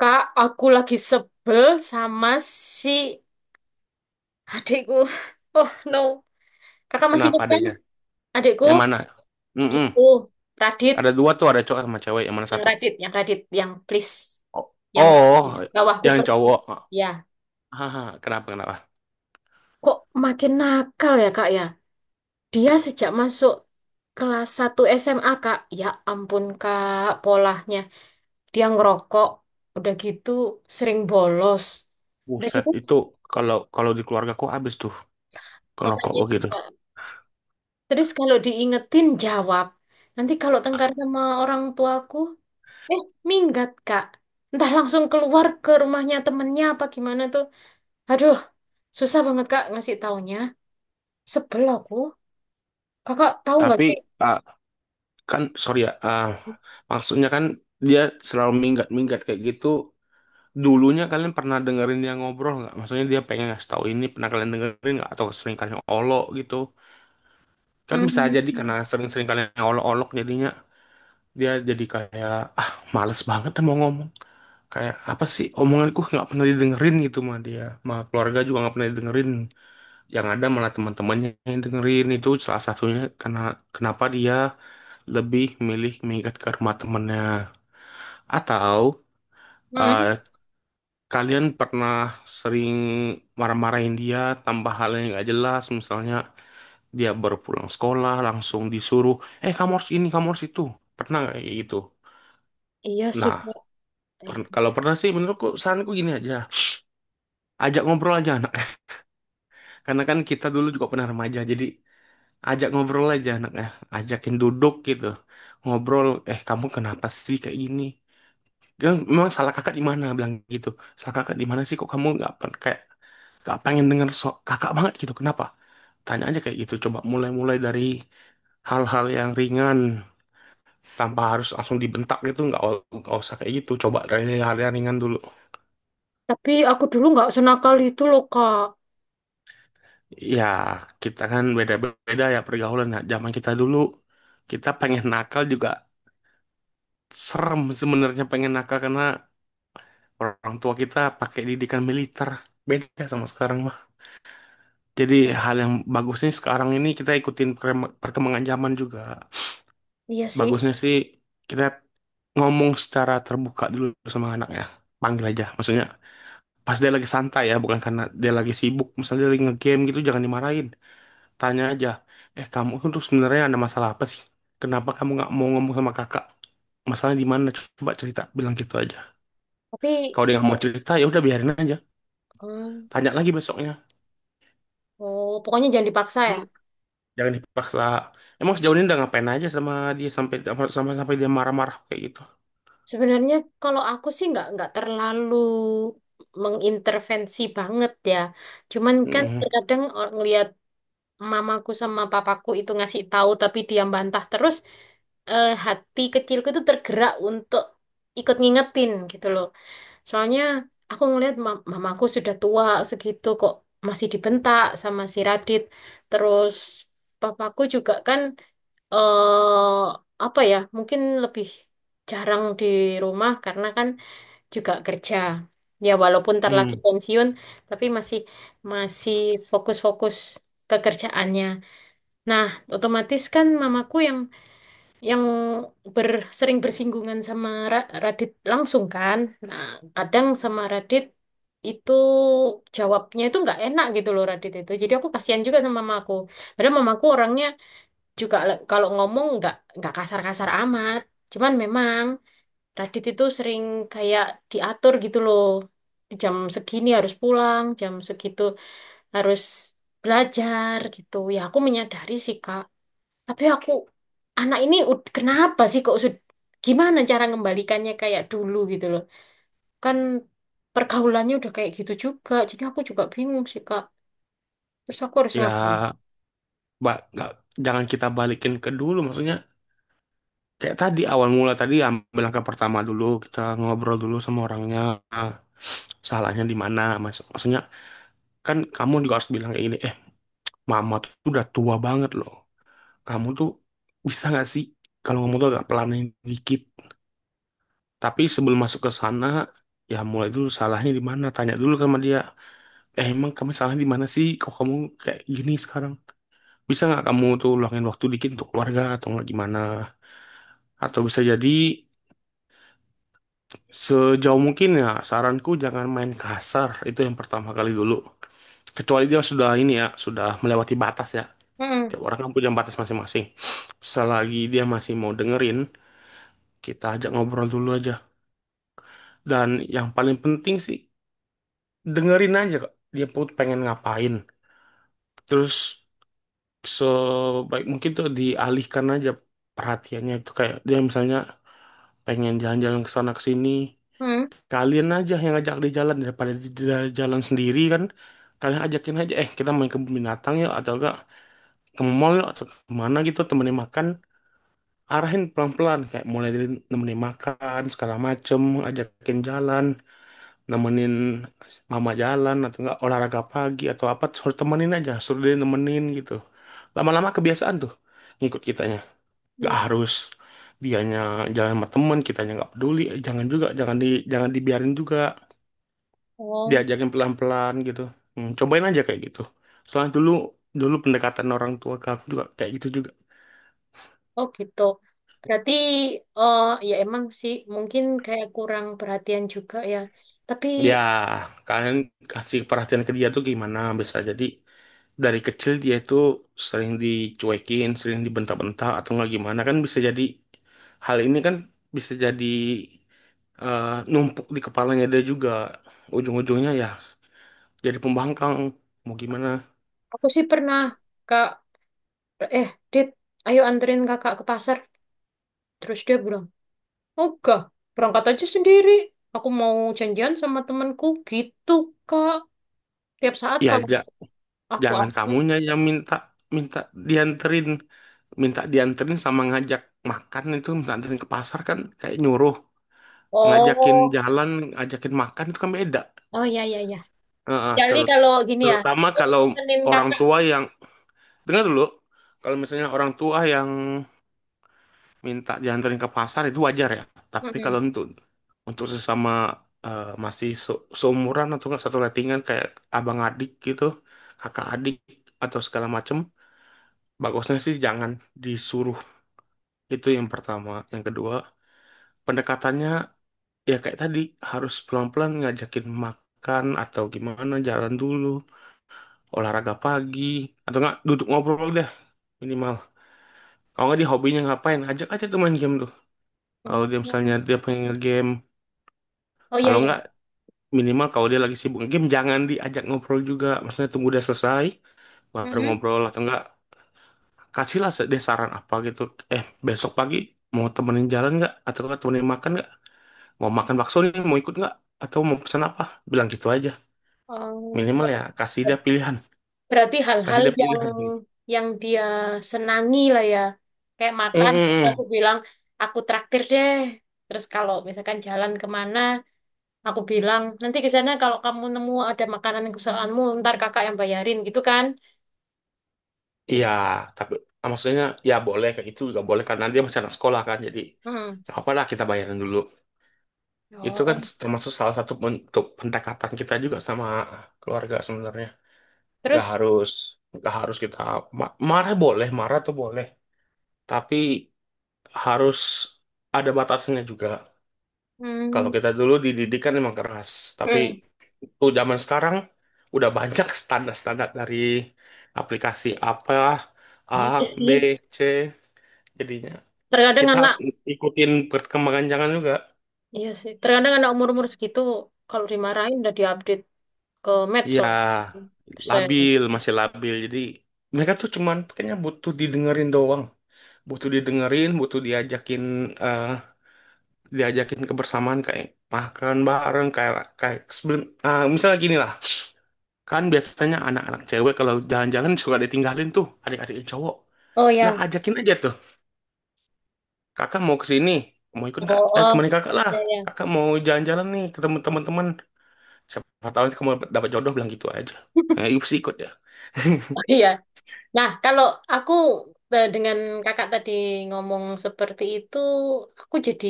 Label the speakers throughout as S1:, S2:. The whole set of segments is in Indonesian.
S1: Kak, aku lagi sebel sama si adikku. Oh no, kakak masih
S2: Kenapa
S1: ingat kan?
S2: adanya?
S1: Adikku
S2: Yang mana? Mm-mm.
S1: itu Radit,
S2: Ada dua tuh, ada cowok sama cewek. Yang mana
S1: yang
S2: satu?
S1: Radit, yang Radit, yang please,
S2: Oh,
S1: yang
S2: oh
S1: Radit. Bawahku
S2: yang
S1: persis.
S2: cowok.
S1: Ya,
S2: Haha, kenapa kenapa?
S1: kok makin nakal ya kak ya? Dia sejak masuk kelas 1 SMA kak, ya ampun kak, polahnya. Dia ngerokok, udah gitu sering bolos. Udah
S2: Buset,
S1: gitu,
S2: itu kalau kalau di keluargaku habis tuh ngerokok
S1: makanya
S2: begitu.
S1: juga. Terus kalau diingetin jawab. Nanti kalau tengkar sama orang tuaku, eh minggat kak. Entah langsung keluar ke rumahnya temennya apa gimana tuh. Aduh, susah banget kak ngasih taunya. Sebel aku. Kakak tahu nggak
S2: Tapi
S1: sih?
S2: ah, kan sorry ya, maksudnya kan dia selalu minggat-minggat kayak gitu. Dulunya kalian pernah dengerin dia ngobrol nggak? Maksudnya dia pengen ngasih tahu ini pernah kalian dengerin nggak? Atau sering kalian olok gitu? Kan bisa jadi karena
S1: Hmm,
S2: sering-sering kalian olok-olok jadinya dia jadi kayak ah males banget dah mau ngomong kayak apa sih omonganku nggak pernah didengerin gitu mah dia mah keluarga juga nggak pernah didengerin yang ada malah teman-temannya yang dengerin itu salah satunya karena kenapa dia lebih milih mengikat ke rumah temennya atau eh,
S1: hmm.
S2: kalian pernah sering marah-marahin dia tambah hal yang nggak jelas misalnya dia baru pulang sekolah langsung disuruh eh kamu harus ini kamu harus itu pernah nggak kayak gitu.
S1: Iya sih
S2: Nah,
S1: kak. Eh,
S2: Kalau pernah sih menurutku saranku gini aja. Ajak ngobrol aja anaknya. Karena kan kita dulu juga pernah remaja. Jadi ajak ngobrol aja anaknya. Ajakin duduk gitu. Ngobrol, eh kamu kenapa sih kayak gini? Dia memang salah kakak di mana? Bilang gitu. Salah kakak di mana sih kok kamu nggak pen- kayak nggak pengen denger kakak banget gitu. Kenapa? Tanya aja kayak gitu. Coba mulai-mulai dari hal-hal yang ringan tanpa harus langsung dibentak gitu. Nggak usah kayak gitu. Coba dari hal yang ringan dulu.
S1: Tapi aku dulu nggak senakal itu loh kak.
S2: Ya, kita kan beda-beda ya pergaulan. Nah, zaman kita dulu, kita pengen nakal juga serem sebenarnya pengen nakal karena orang tua kita pakai didikan militer. Beda sama sekarang mah. Jadi hal yang bagusnya sekarang ini kita ikutin perkembangan zaman juga.
S1: Iya sih.
S2: Bagusnya sih kita ngomong secara terbuka dulu sama anak ya. Panggil aja, maksudnya pas dia lagi santai ya, bukan karena dia lagi sibuk. Misalnya dia lagi ngegame gitu, jangan dimarahin. Tanya aja, eh kamu tuh sebenarnya ada masalah apa sih? Kenapa kamu nggak mau ngomong sama kakak? Masalahnya di mana? Coba cerita, bilang gitu aja.
S1: Tapi,
S2: Kalau dia nggak mau
S1: oh,
S2: cerita, ya udah biarin aja.
S1: hmm.
S2: Tanya lagi besoknya.
S1: Oh, pokoknya jangan dipaksa ya.
S2: Emang jangan dipaksa. Emang sejauh ini udah ngapain aja sama dia sampai sampai sampai dia marah-marah kayak gitu?
S1: Sebenarnya kalau aku sih nggak terlalu mengintervensi banget ya. Cuman kan
S2: Hmm,
S1: terkadang ngelihat mamaku sama papaku itu ngasih tahu tapi dia bantah terus, hati kecilku itu tergerak untuk ikut ngingetin gitu loh. Soalnya aku ngelihat mamaku sudah tua segitu kok masih dibentak sama si Radit. Terus papaku juga kan eh apa ya? Mungkin lebih jarang di rumah karena kan juga kerja. Ya walaupun ntar lagi
S2: hmm.
S1: pensiun, tapi masih masih fokus-fokus ke kerjaannya. Nah, otomatis kan mamaku yang ber, sering bersinggungan sama Radit langsung kan. Nah, kadang sama Radit itu jawabnya itu nggak enak gitu loh Radit itu. Jadi aku kasihan juga sama mamaku. Padahal mamaku orangnya juga kalau ngomong nggak kasar-kasar amat. Cuman memang Radit itu sering kayak diatur gitu loh. Jam segini harus pulang, jam segitu harus belajar gitu. Ya aku menyadari sih Kak. Tapi aku anak ini kenapa sih kok gimana cara ngembalikannya kayak dulu gitu loh. Kan pergaulannya udah kayak gitu juga. Jadi aku juga bingung sih Kak. Terus aku harus ngapain?
S2: Ya, mbak, nggak jangan kita balikin ke dulu. Maksudnya kayak tadi awal mula tadi ambil langkah pertama dulu kita ngobrol dulu sama orangnya salahnya di mana mas maksudnya kan kamu juga harus bilang kayak gini eh mama tuh udah tua banget loh kamu tuh bisa nggak sih kalau ngomong tuh agak pelanin dikit tapi sebelum masuk ke sana ya mulai dulu salahnya di mana tanya dulu sama dia eh emang kamu salahnya di mana sih kok kamu kayak gini sekarang bisa nggak kamu tuh luangin waktu dikit untuk keluarga atau nggak gimana atau bisa jadi sejauh mungkin ya saranku jangan main kasar itu yang pertama kali dulu kecuali dia sudah ini ya sudah melewati batas ya.
S1: Hmm.
S2: Tiap orang kan punya batas masing-masing. Selagi dia masih mau dengerin, kita ajak ngobrol dulu aja. Dan yang paling penting sih, dengerin aja kok. Dia pun pengen ngapain. Terus sebaik mungkin tuh dialihkan aja perhatiannya itu kayak dia misalnya pengen jalan-jalan ke sana ke sini.
S1: Hmm.
S2: Kalian aja yang ngajak dia jalan daripada dia jalan sendiri kan. Kalian ajakin aja, eh kita main ke binatang yuk atau enggak ke mall yuk atau kemana gitu temenin makan. Arahin pelan-pelan kayak mulai dari nemenin makan segala macem ajakin jalan nemenin mama jalan atau enggak olahraga pagi atau apa suruh temenin aja suruh dia nemenin gitu lama-lama kebiasaan tuh ngikut kitanya gak
S1: Hmm.
S2: harus dianya jalan sama temen kitanya nggak peduli jangan juga jangan jangan dibiarin juga
S1: Oh.
S2: diajakin pelan-pelan gitu. Hmm, cobain aja kayak gitu soalnya dulu dulu pendekatan orang tua ke aku juga kayak gitu.
S1: Oh gitu. Berarti ya emang sih mungkin kayak kurang perhatian juga ya. Tapi
S2: Ya, kalian kasih perhatian ke dia tuh gimana bisa jadi dari kecil dia itu sering dicuekin, sering dibentak-bentak atau nggak gimana kan bisa jadi hal ini kan bisa jadi eh, numpuk di kepalanya dia juga ujung-ujungnya ya jadi pembangkang mau gimana
S1: aku sih pernah Kak, eh Dit, ayo anterin Kakak ke pasar. Terus dia bilang, "Enggak, berangkat aja sendiri. Aku mau janjian sama temanku." Gitu, Kak. Tiap saat
S2: ya
S1: kalau
S2: ja-
S1: aku
S2: jangan
S1: ajak.
S2: kamunya yang minta minta dianterin minta dianterin sama ngajak makan itu minta anterin ke pasar kan kayak nyuruh ngajakin
S1: Oh,
S2: jalan ngajakin makan itu kan beda.
S1: oh ya ya ya.
S2: Heeh,
S1: Jadi kalau gini ya,
S2: terutama
S1: aku
S2: kalau
S1: temenin
S2: orang
S1: Kakak.
S2: tua yang dengar dulu, kalau misalnya orang tua yang minta dianterin ke pasar itu wajar ya. Tapi kalau
S1: Mm-mm.
S2: untuk sesama eh, masih seumuran atau enggak satu lettingan kayak abang adik gitu, kakak adik atau segala macem, bagusnya sih jangan disuruh. Itu yang pertama. Yang kedua, pendekatannya ya kayak tadi harus pelan-pelan ngajakin makan atau gimana jalan dulu olahraga pagi atau enggak duduk ngobrol dah minimal kalau nggak dia hobinya ngapain ajak aja tuh main game tuh kalau dia misalnya
S1: Oh,
S2: dia pengen nge-game
S1: oh ya
S2: kalau nggak
S1: ya.
S2: minimal kalau dia lagi sibuk game jangan diajak ngobrol juga maksudnya tunggu dia selesai baru
S1: Mm-mm.
S2: ngobrol atau enggak kasihlah dia saran apa gitu eh besok pagi mau temenin jalan nggak atau nggak temenin makan nggak mau makan bakso nih mau ikut nggak atau mau pesan apa bilang gitu aja minimal ya kasih
S1: Oh.
S2: dia pilihan
S1: Berarti
S2: kasih
S1: hal-hal
S2: dia
S1: yang
S2: pilihan
S1: yang dia senangi lah ya. Kayak makan, terus aku
S2: Mm-mm.
S1: bilang, aku traktir deh. Terus kalau misalkan jalan kemana, aku bilang, nanti ke sana kalau kamu nemu ada makanan kesukaanmu, ntar kakak yang bayarin gitu kan. Gitu.
S2: Iya, tapi maksudnya ya boleh kayak itu juga boleh karena dia masih anak sekolah kan. Jadi
S1: Hmm.
S2: nggak apa-apa lah kita bayarin dulu. Itu kan
S1: Oh.
S2: termasuk salah satu bentuk pendekatan kita juga sama keluarga sebenarnya. Gak
S1: Terus,
S2: harus gak harus kita marah boleh, marah tuh boleh, tapi harus ada batasnya juga. Kalau
S1: hmm.
S2: kita dulu dididik kan memang keras, tapi
S1: Hmm.
S2: tuh zaman sekarang udah banyak standar-standar dari aplikasi apa A,
S1: Oh iya
S2: B,
S1: sih.
S2: C jadinya.
S1: Terkadang
S2: Kita
S1: anak,
S2: harus ikutin perkembangan jangan juga.
S1: iya sih. Terkadang anak umur-umur segitu, kalau dimarahin udah diupdate ke medsos.
S2: Ya,
S1: Buset.
S2: labil, masih labil. Jadi mereka tuh cuman kayaknya butuh didengerin doang. Butuh didengerin, butuh diajakin eh diajakin kebersamaan kayak makan bareng kayak kayak sebelum nah, misalnya gini lah. Kan biasanya anak-anak cewek kalau jalan-jalan suka ditinggalin tuh adik-adik yang cowok.
S1: Oh
S2: Nah,
S1: ya.
S2: ajakin aja tuh. Kakak mau ke sini, mau ikut nggak?
S1: Oh,
S2: Eh,
S1: oh.
S2: temenin kakak lah.
S1: Ya, ya.
S2: Kakak mau jalan-jalan nih ketemu teman-teman siapa tahu kamu dapet dapet jodoh bilang gitu aja. Ya, itu pasti ikut ya.
S1: Iya. Nah, kalau aku dengan kakak tadi ngomong seperti itu, aku jadi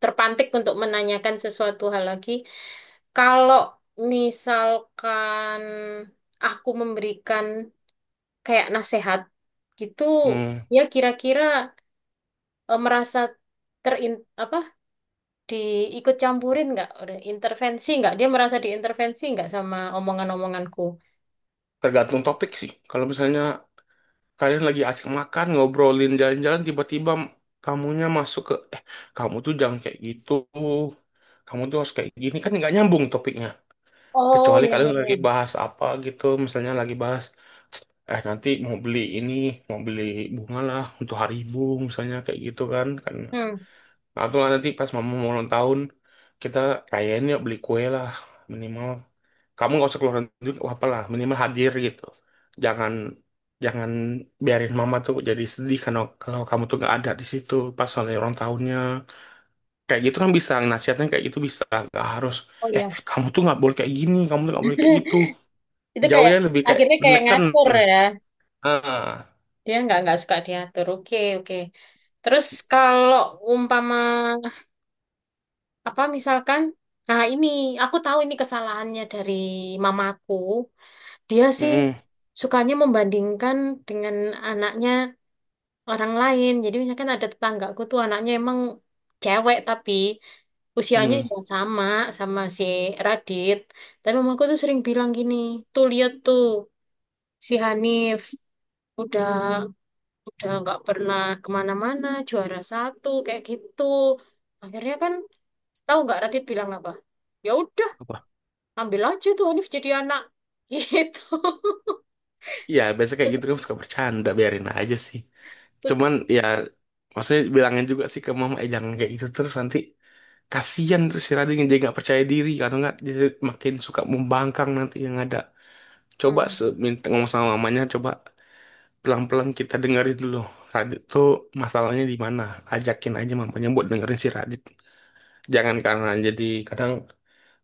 S1: terpantik untuk menanyakan sesuatu hal lagi. Kalau misalkan aku memberikan kayak nasihat gitu,
S2: Hmm,
S1: ya kira-kira merasa terin apa diikut campurin nggak. Udah intervensi nggak? Dia merasa diintervensi nggak sama omongan-omonganku?
S2: tergantung topik sih. Kalau misalnya kalian lagi asik makan, ngobrolin jalan-jalan, tiba-tiba kamunya masuk ke, eh, kamu tuh jangan kayak gitu. Kamu tuh harus kayak gini. Kan nggak nyambung topiknya.
S1: Oh,
S2: Kecuali
S1: iya, iya,
S2: kalian lagi
S1: iya.
S2: bahas apa gitu. Misalnya lagi bahas, eh, nanti mau beli ini, mau beli bunga lah untuk hari ibu, misalnya kayak gitu kan. Kan
S1: Hmm.
S2: atau nanti pas mama mau ulang tahun, kita rayain yuk beli kue lah minimal. Kamu nggak usah keluarin duit, wah apalah minimal hadir gitu. Jangan jangan biarin mama tuh jadi sedih karena kalau kamu tuh nggak ada di situ pas hari ulang tahunnya. Kayak gitu kan bisa nasihatnya kayak gitu bisa nggak harus.
S1: Oh,
S2: Eh
S1: iya.
S2: kamu tuh nggak boleh kayak gini, kamu tuh nggak boleh kayak gitu.
S1: Itu kayak
S2: Jauhnya lebih kayak
S1: akhirnya kayak
S2: neken.
S1: ngatur ya.
S2: Ah,
S1: Dia nggak suka diatur. Oke, oke. Terus kalau umpama apa misalkan nah ini aku tahu ini kesalahannya dari mamaku. Dia sih
S2: mm-mm,
S1: sukanya membandingkan dengan anaknya orang lain. Jadi misalkan ada tetanggaku tuh anaknya emang cewek tapi usianya
S2: mm.
S1: ya sama sama si Radit. Tapi mamaku tuh sering bilang gini: tuh lihat tuh, si Hanif udah udah nggak pernah kemana-mana, juara satu kayak gitu. Akhirnya kan, tahu nggak Radit bilang apa? Ya udah,
S2: Apa?
S1: ambil aja tuh Hanif jadi anak gitu.
S2: Ya biasanya kayak gitu kan suka bercanda biarin aja sih. Cuman ya maksudnya bilangin juga sih ke mama eh jangan kayak gitu terus nanti kasihan terus si Rading jadi nggak percaya diri kalau nggak jadi makin suka membangkang nanti yang ada. Coba
S1: Hmm,
S2: minta ngomong sama mamanya coba pelan-pelan kita dengerin dulu. Radit tuh masalahnya di mana? Ajakin aja mamanya buat dengerin si Radit. Jangan karena jadi kadang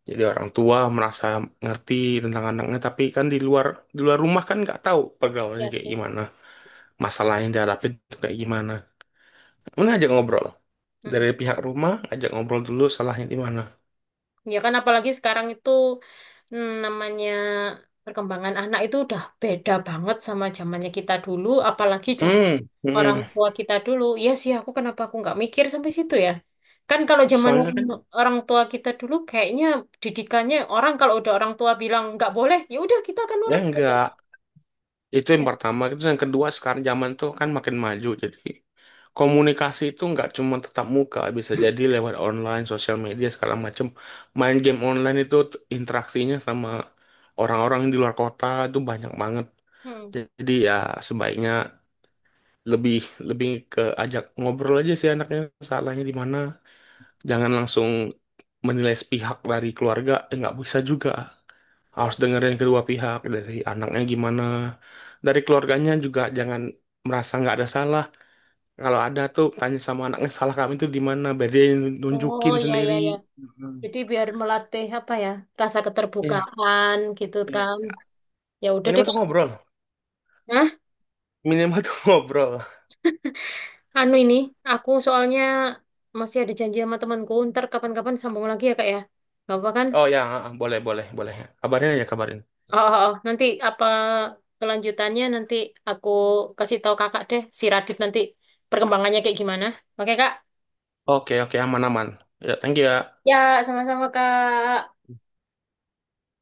S2: jadi orang tua merasa ngerti tentang anaknya tapi kan di luar rumah kan nggak tahu pergaulannya
S1: ya
S2: kayak
S1: sih
S2: gimana, masalah yang dihadapin tuh kayak gimana. Ini
S1: ya.
S2: ajak ngobrol.
S1: Mm-mm.
S2: Dari pihak rumah, ajak ngobrol dulu salahnya di mana.
S1: Ya kan apalagi sekarang itu, namanya perkembangan anak itu udah beda banget sama zamannya kita dulu, apalagi zaman
S2: Hmm,
S1: orang
S2: hmm.
S1: tua kita dulu. Iya sih, kenapa aku nggak mikir sampai situ ya? Kan kalau zaman
S2: Soalnya kan,
S1: orang tua kita dulu kayaknya didikannya orang kalau udah orang tua bilang nggak boleh, ya udah kita akan
S2: ya
S1: nurut. Nggak boleh.
S2: enggak. Itu yang
S1: Ya.
S2: pertama. Itu yang kedua, sekarang zaman tuh kan makin maju. Jadi komunikasi itu nggak cuma tetap muka. Bisa jadi lewat online, sosial media, segala macam. Main game online itu interaksinya sama orang-orang yang di luar kota itu banyak banget.
S1: Hmm,
S2: Jadi ya sebaiknya lebih lebih ke ajak ngobrol aja sih anaknya salahnya di mana. Jangan langsung menilai sepihak dari keluarga eh, nggak bisa juga harus
S1: ya.
S2: dengerin kedua pihak dari anaknya gimana dari keluarganya juga jangan merasa nggak ada salah kalau ada tuh tanya sama anaknya salah kami itu di mana biar dia
S1: Oh,
S2: nunjukin
S1: ya ya
S2: sendiri.
S1: ya. Jadi
S2: Mm.
S1: biar melatih apa ya? Rasa
S2: Iya.
S1: keterbukaan gitu
S2: Iya.
S1: kan. Ya udah deh,
S2: Minimal tuh
S1: Kak.
S2: ngobrol
S1: Hah?
S2: minimal tuh ngobrol.
S1: Anu ini, aku soalnya masih ada janji sama temanku. Ntar kapan-kapan sambung lagi ya, Kak ya. Gak apa kan?
S2: Oh ya boleh boleh boleh kabarin aja kabarin.
S1: Oh, oh, oh. Nanti apa kelanjutannya, nanti aku kasih tahu Kakak deh, si Radit nanti perkembangannya kayak gimana. Oke, Kak?
S2: Oke oke aman aman ya thank you ya.
S1: Ya, sama-sama, Kak.